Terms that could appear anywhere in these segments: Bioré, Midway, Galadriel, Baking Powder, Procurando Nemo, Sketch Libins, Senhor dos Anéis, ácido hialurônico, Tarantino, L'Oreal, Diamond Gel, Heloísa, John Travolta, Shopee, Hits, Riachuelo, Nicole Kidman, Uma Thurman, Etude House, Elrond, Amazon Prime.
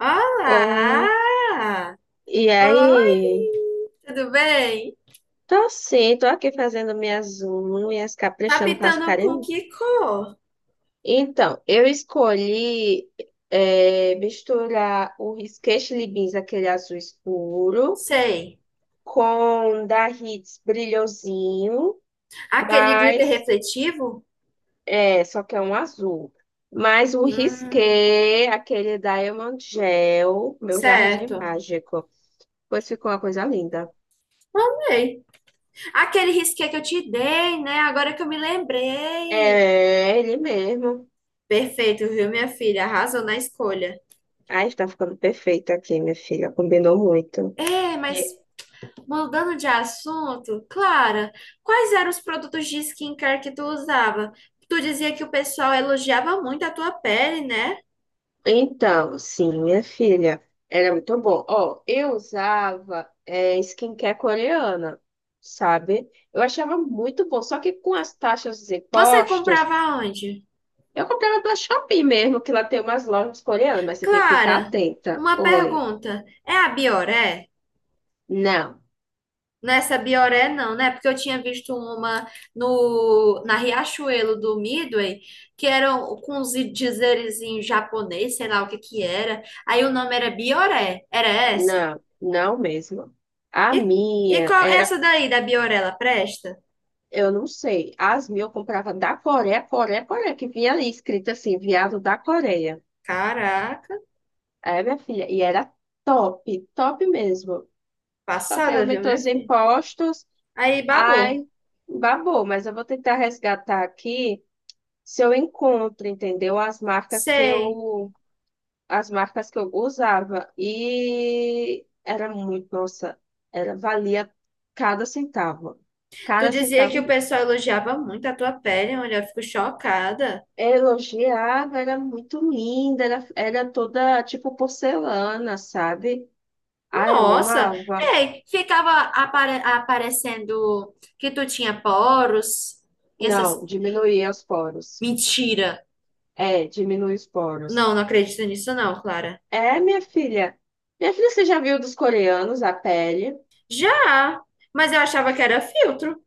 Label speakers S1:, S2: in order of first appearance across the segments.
S1: Olá!
S2: Oh, e aí?
S1: Oi! Tudo bem?
S2: Tô sim, tô aqui fazendo minhas unhas,
S1: Tá
S2: caprichando para
S1: pintando com
S2: ficarem.
S1: que cor?
S2: Então, eu escolhi misturar o Sketch Libins, aquele azul escuro,
S1: Sei.
S2: com da Hits brilhosinho,
S1: Aquele glitter
S2: mas
S1: refletivo?
S2: só que é um azul. Mas o
S1: Hum,
S2: risqué, aquele Diamond Gel, meu jardim
S1: certo.
S2: mágico. Pois ficou uma coisa linda.
S1: Sei. Aquele risqué que eu te dei, né? Agora que eu me lembrei.
S2: É, ele mesmo.
S1: Perfeito, viu, minha filha? Arrasou na escolha.
S2: Ai, está ficando perfeito aqui, minha filha. Combinou muito.
S1: É, mas
S2: E-
S1: mudando de assunto, Clara, quais eram os produtos de skincare que tu usava? Tu dizia que o pessoal elogiava muito a tua pele, né?
S2: Então, sim, minha filha, era muito bom. Ó, eu usava skincare coreana, sabe? Eu achava muito bom. Só que com as taxas dos
S1: Você
S2: impostos,
S1: comprava onde?
S2: eu comprava da Shopee mesmo, que lá tem umas lojas coreanas, mas você tem que ficar
S1: Clara,
S2: atenta.
S1: uma
S2: Oi.
S1: pergunta. É a Bioré?
S2: Não,
S1: Nessa Bioré não, né? Porque eu tinha visto uma no na Riachuelo do Midway, que era um, com uns dizeres em japonês, sei lá o que que era. Aí o nome era Bioré. Era essa?
S2: não, não mesmo. A
S1: E, e
S2: minha
S1: qual
S2: era.
S1: essa daí da Bioré, ela presta?
S2: Eu não sei. As mil eu comprava da Coreia, Coreia, Coreia, que vinha ali escrito assim, viado da Coreia.
S1: Caraca,
S2: É, minha filha, e era top, top mesmo. Só que aí
S1: passada, viu,
S2: aumentou
S1: minha
S2: os
S1: filha?
S2: impostos,
S1: Aí babou.
S2: ai, babou, mas eu vou tentar resgatar aqui se eu encontro, entendeu?
S1: Sei.
S2: As marcas que eu usava. E era muito, nossa, era, valia cada centavo.
S1: Tu
S2: Cada
S1: dizia que o
S2: centavo.
S1: pessoal elogiava muito a tua pele, olha, eu fico chocada.
S2: Elogiava, era muito linda, era toda tipo porcelana, sabe? Ah, eu
S1: Nossa,
S2: amava.
S1: é, ficava aparecendo que tu tinha poros e essas
S2: Não, diminuía os poros.
S1: mentira.
S2: É, diminui os poros.
S1: Não, não acredito nisso não, Clara.
S2: É, minha filha. Minha filha, você já viu dos coreanos a pele?
S1: Já, mas eu achava que era filtro.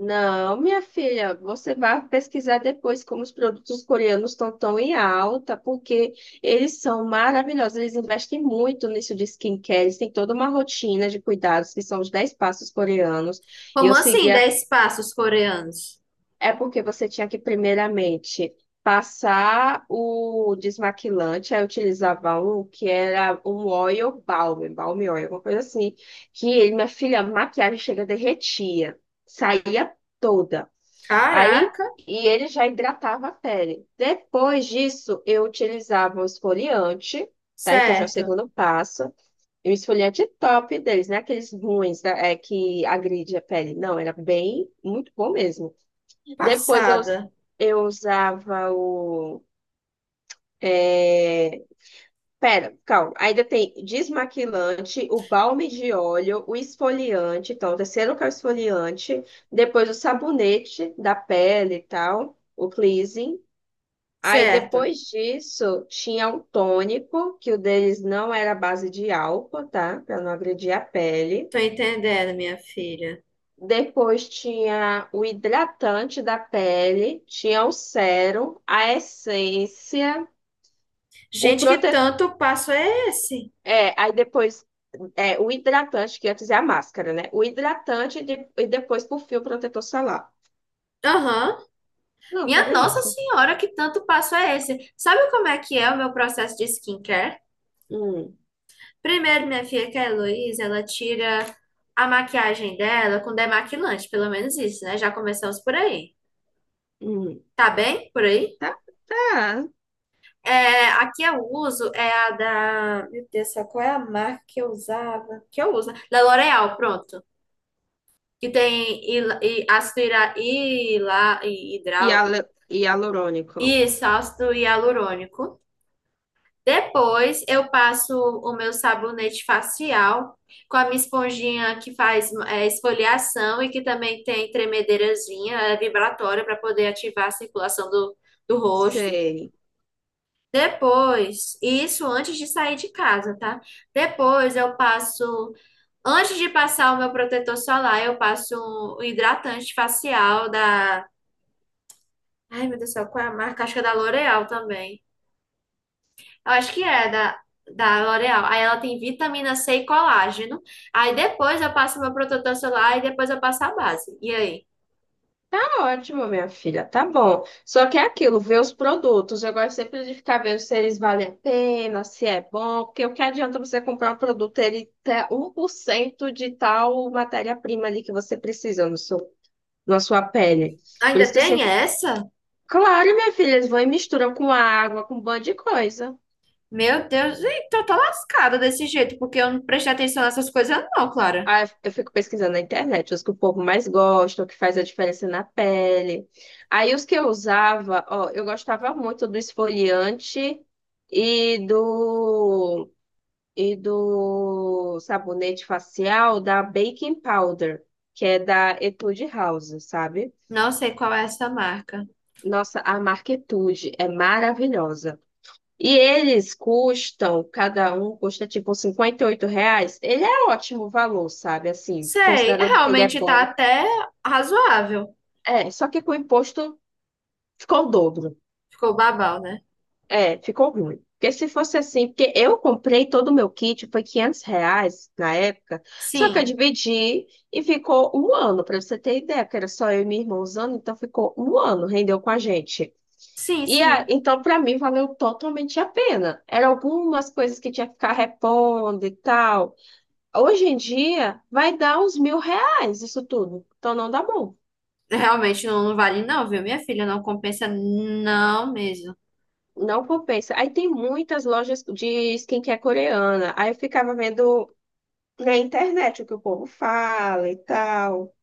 S2: Não, minha filha, você vai pesquisar depois como os produtos coreanos estão tão em alta, porque eles são maravilhosos, eles investem muito nisso de skincare, eles têm toda uma rotina de cuidados, que são os 10 passos coreanos. E
S1: Como
S2: eu segui.
S1: assim, 10 passos coreanos?
S2: É porque você tinha que, primeiramente, passar o desmaquilante, aí eu utilizava um que era um oil balm, balm oil, alguma coisa assim, que, ele, minha filha, a maquiagem chega derretia, saía toda. Aí,
S1: Caraca,
S2: e ele já hidratava a pele. Depois disso, eu utilizava um esfoliante, tá? Então, já é o
S1: certo.
S2: segundo passo. E o esfoliante top deles, não é aqueles ruins, né? É, que agride a pele. Não, era bem, muito bom mesmo. Depois eu, us-
S1: Passada,
S2: eu usava o. É... Pera, calma. Ainda tem desmaquilante, o balme de óleo, o esfoliante. Então, o terceiro que é o esfoliante. Depois o sabonete da pele e tal, o cleansing. Aí
S1: certo.
S2: depois disso tinha o tônico, que o deles não era à base de álcool, tá? Para não agredir a pele.
S1: Tô entendendo, minha filha.
S2: Depois tinha o hidratante da pele, tinha o sérum, a essência. O
S1: Gente, que
S2: protetor.
S1: tanto passo é esse?
S2: É, aí depois. É, o hidratante, que antes é a máscara, né? O hidratante e depois, por fim o protetor solar.
S1: Aham.
S2: Pronto,
S1: Minha
S2: era
S1: Nossa
S2: isso.
S1: Senhora, que tanto passo é esse? Sabe como é que é o meu processo de skincare?
S2: Hum,
S1: Primeiro, minha filha, que é a Heloísa, ela tira a maquiagem dela com demaquilante, pelo menos isso, né? Já começamos por aí.
S2: hum.
S1: Tá bem? Por aí?
S2: Tá, tá.
S1: É, aqui que eu uso é a da. Meu Deus, do céu, qual é a marca que eu usava? Que eu uso? Né? Da L'Oreal, pronto. Que tem ácido hidral.
S2: Hialurônico.
S1: Isso, ácido hialurônico. Depois eu passo o meu sabonete facial com a minha esponjinha que faz é, esfoliação e que também tem tremedeirazinha, é vibratória para poder ativar a circulação do rosto.
S2: Sei.
S1: Depois, isso antes de sair de casa, tá? Depois eu passo, antes de passar o meu protetor solar, eu passo um hidratante facial da, ai meu Deus do céu, qual é a marca? Acho que é da L'Oréal também. Eu acho que é da L'Oreal. Aí ela tem vitamina C e colágeno. Aí depois eu passo meu protetor solar e depois eu passo a base. E aí?
S2: Tá ótimo, minha filha. Tá bom. Só que é aquilo, ver os produtos. Eu gosto sempre de ficar vendo se eles valem a pena, se é bom, porque o que adianta você comprar um produto, ele ter 1% de tal matéria-prima ali que você precisa no seu na sua pele. Por
S1: Ainda
S2: isso que eu
S1: tem
S2: sempre.
S1: essa?
S2: Claro, minha filha, eles vão e misturam com água, com um bando de coisa.
S1: Meu Deus, então eu tô lascada desse jeito, porque eu não prestei atenção nessas coisas, não, Clara.
S2: Aí eu fico pesquisando na internet, os que o povo mais gosta, o que faz a diferença na pele. Aí os que eu usava, ó, eu gostava muito do esfoliante e do, e do sabonete facial da Baking Powder, que é da Etude House, sabe?
S1: Não sei qual é essa marca.
S2: Nossa, a marca Etude é maravilhosa. E eles custam, cada um custa tipo 58 reais. Ele é ótimo valor, sabe? Assim,
S1: Sei,
S2: considerando que ele é
S1: realmente tá
S2: bom.
S1: até razoável.
S2: É, só que com o imposto ficou o dobro.
S1: Ficou babau, né?
S2: É, ficou ruim. Porque se fosse assim, porque eu comprei todo o meu kit, foi 500 reais na época, só que eu
S1: Sim,
S2: dividi e ficou um ano, para você ter ideia, porque era só eu e minha irmã usando, então ficou um ano, rendeu com a gente.
S1: sim, sim.
S2: Então, para mim, valeu totalmente a pena. Eram algumas coisas que tinha que ficar repondo e tal. Hoje em dia, vai dar uns 1.000 reais isso tudo. Então não dá bom.
S1: Realmente não, não vale, não, viu, minha filha? Não compensa, não mesmo.
S2: Não compensa. Aí tem muitas lojas de skincare coreana. Aí eu ficava vendo na internet o que o povo fala e tal.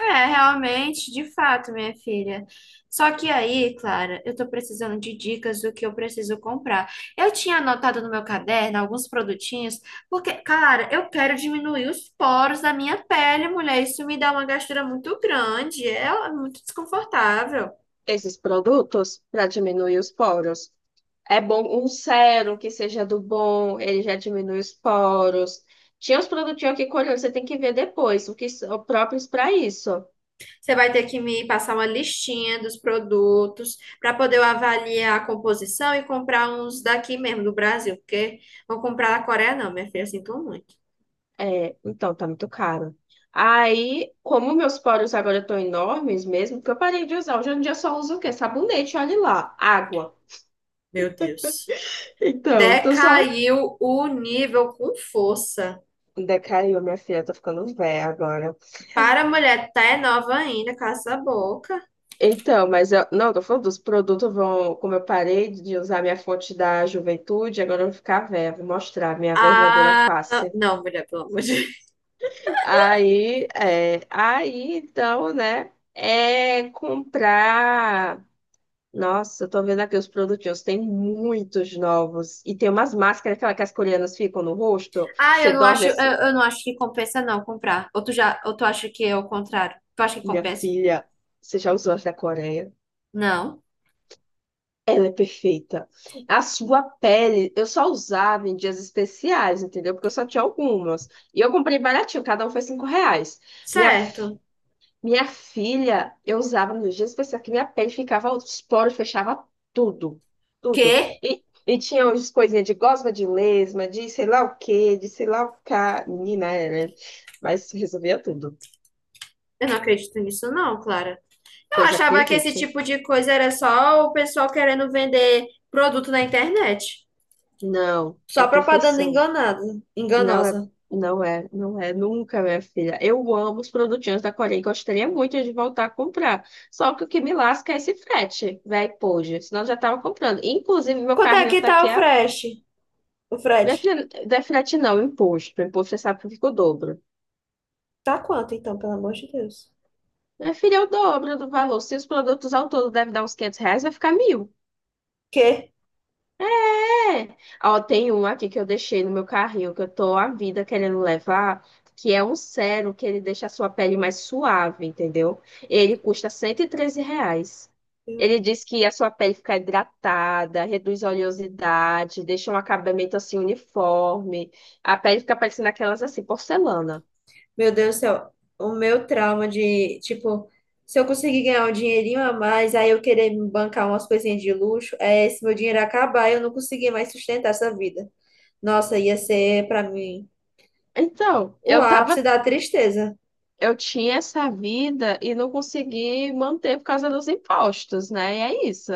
S1: É, realmente, de fato, minha filha. Só que aí, Clara, eu tô precisando de dicas do que eu preciso comprar. Eu tinha anotado no meu caderno alguns produtinhos, porque, cara, eu quero diminuir os poros da minha pele, mulher. Isso me dá uma gastura muito grande, é muito desconfortável.
S2: Esses produtos para diminuir os poros. É bom um sérum que seja do bom, ele já diminui os poros. Tinha uns produtinhos aqui coreanos, você tem que ver depois, o que são próprios para isso.
S1: Você vai ter que me passar uma listinha dos produtos para poder eu avaliar a composição e comprar uns daqui mesmo, do Brasil, porque vou comprar da Coreia, não, minha filha, sinto muito.
S2: É, então, tá muito caro. Aí, como meus poros agora estão enormes mesmo, porque eu parei de usar. Hoje em dia eu só uso o quê? Sabonete, olha lá. Água.
S1: Meu Deus.
S2: Então, eu tô só.
S1: Decaiu o nível com força.
S2: Decaiu, minha filha, eu tô ficando velha agora.
S1: Para a mulher, tá é nova ainda, cala essa boca.
S2: Então, mas eu. Não, tô falando dos produtos vão. Como eu parei de usar minha fonte da juventude, agora eu vou ficar velha, vou mostrar a minha verdadeira
S1: Ah,
S2: face.
S1: não, mulher, pelo amor de Deus.
S2: Aí, é, aí, então, né? É comprar. Nossa, eu tô vendo aqui os produtinhos, tem muitos novos. E tem umas máscaras, aquela que as coreanas ficam no rosto.
S1: Ah,
S2: Você
S1: eu não
S2: dorme
S1: acho, eu,
S2: assim.
S1: eu não acho que compensa não comprar. Ou tu já, ou tu acha que é o contrário? Tu acha que
S2: Minha
S1: compensa?
S2: filha, você já usou as da Coreia?
S1: Não.
S2: Ela é perfeita. A sua pele, eu só usava em dias especiais, entendeu? Porque eu só tinha algumas. E eu comprei baratinho, cada um foi 5 reais. Minha
S1: Certo.
S2: Minha filha, eu usava nos dias especiais que minha pele ficava, os poros fechava tudo, tudo.
S1: Quê?
S2: E tinha umas coisinhas de gosma de lesma, de sei lá o quê, de sei lá o cá. Menina, é, né? Mas resolvia tudo.
S1: Eu não acredito nisso não, Clara. Eu
S2: Pois
S1: achava que esse
S2: acredite,
S1: tipo de coisa era só o pessoal querendo vender produto na internet.
S2: não é
S1: Só propaganda
S2: perfeição.
S1: enganada,
S2: Não é,
S1: enganosa.
S2: não é, não é nunca, minha filha. Eu amo os produtinhos da Coreia e gostaria muito de voltar a comprar. Só que o que me lasca é esse frete, velho, poxa. Senão eu já tava comprando. Inclusive, meu
S1: Quanto é
S2: carrinho
S1: que
S2: tá
S1: tá
S2: aqui.
S1: o frete? O
S2: Minha
S1: frete?
S2: filha, não é frete não, imposto. Imposto você sabe que fica o dobro.
S1: Tá quanto, então, pelo amor de Deus?
S2: Minha filha, é o dobro do valor. Se os produtos ao todo devem dar uns 500 reais, vai ficar 1.000.
S1: Quê?
S2: É. Ó, tem um aqui que eu deixei no meu carrinho, que eu tô a vida querendo levar, que é um sérum que ele deixa a sua pele mais suave, entendeu? Ele custa 113 reais.
S1: Meu
S2: Ele diz que a sua pele fica hidratada, reduz a oleosidade, deixa um acabamento assim uniforme. A pele fica parecendo aquelas assim, porcelana.
S1: Meu Deus do céu. O meu trauma de, tipo, se eu conseguir ganhar um dinheirinho a mais, aí eu querer me bancar umas coisinhas de luxo, é esse meu dinheiro acabar e eu não conseguir mais sustentar essa vida. Nossa, ia ser pra mim
S2: Então,
S1: o
S2: eu tava
S1: ápice da tristeza.
S2: eu tinha essa vida e não consegui manter por causa dos impostos, né? E é isso.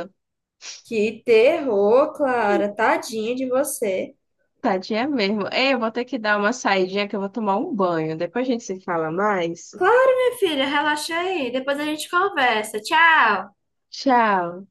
S1: Que terror, Clara. Tadinha de você.
S2: Tadinha mesmo. Ei, eu vou ter que dar uma saidinha que eu vou tomar um banho. Depois a gente se fala mais.
S1: Claro, minha filha, relaxa aí. Depois a gente conversa. Tchau.
S2: Tchau.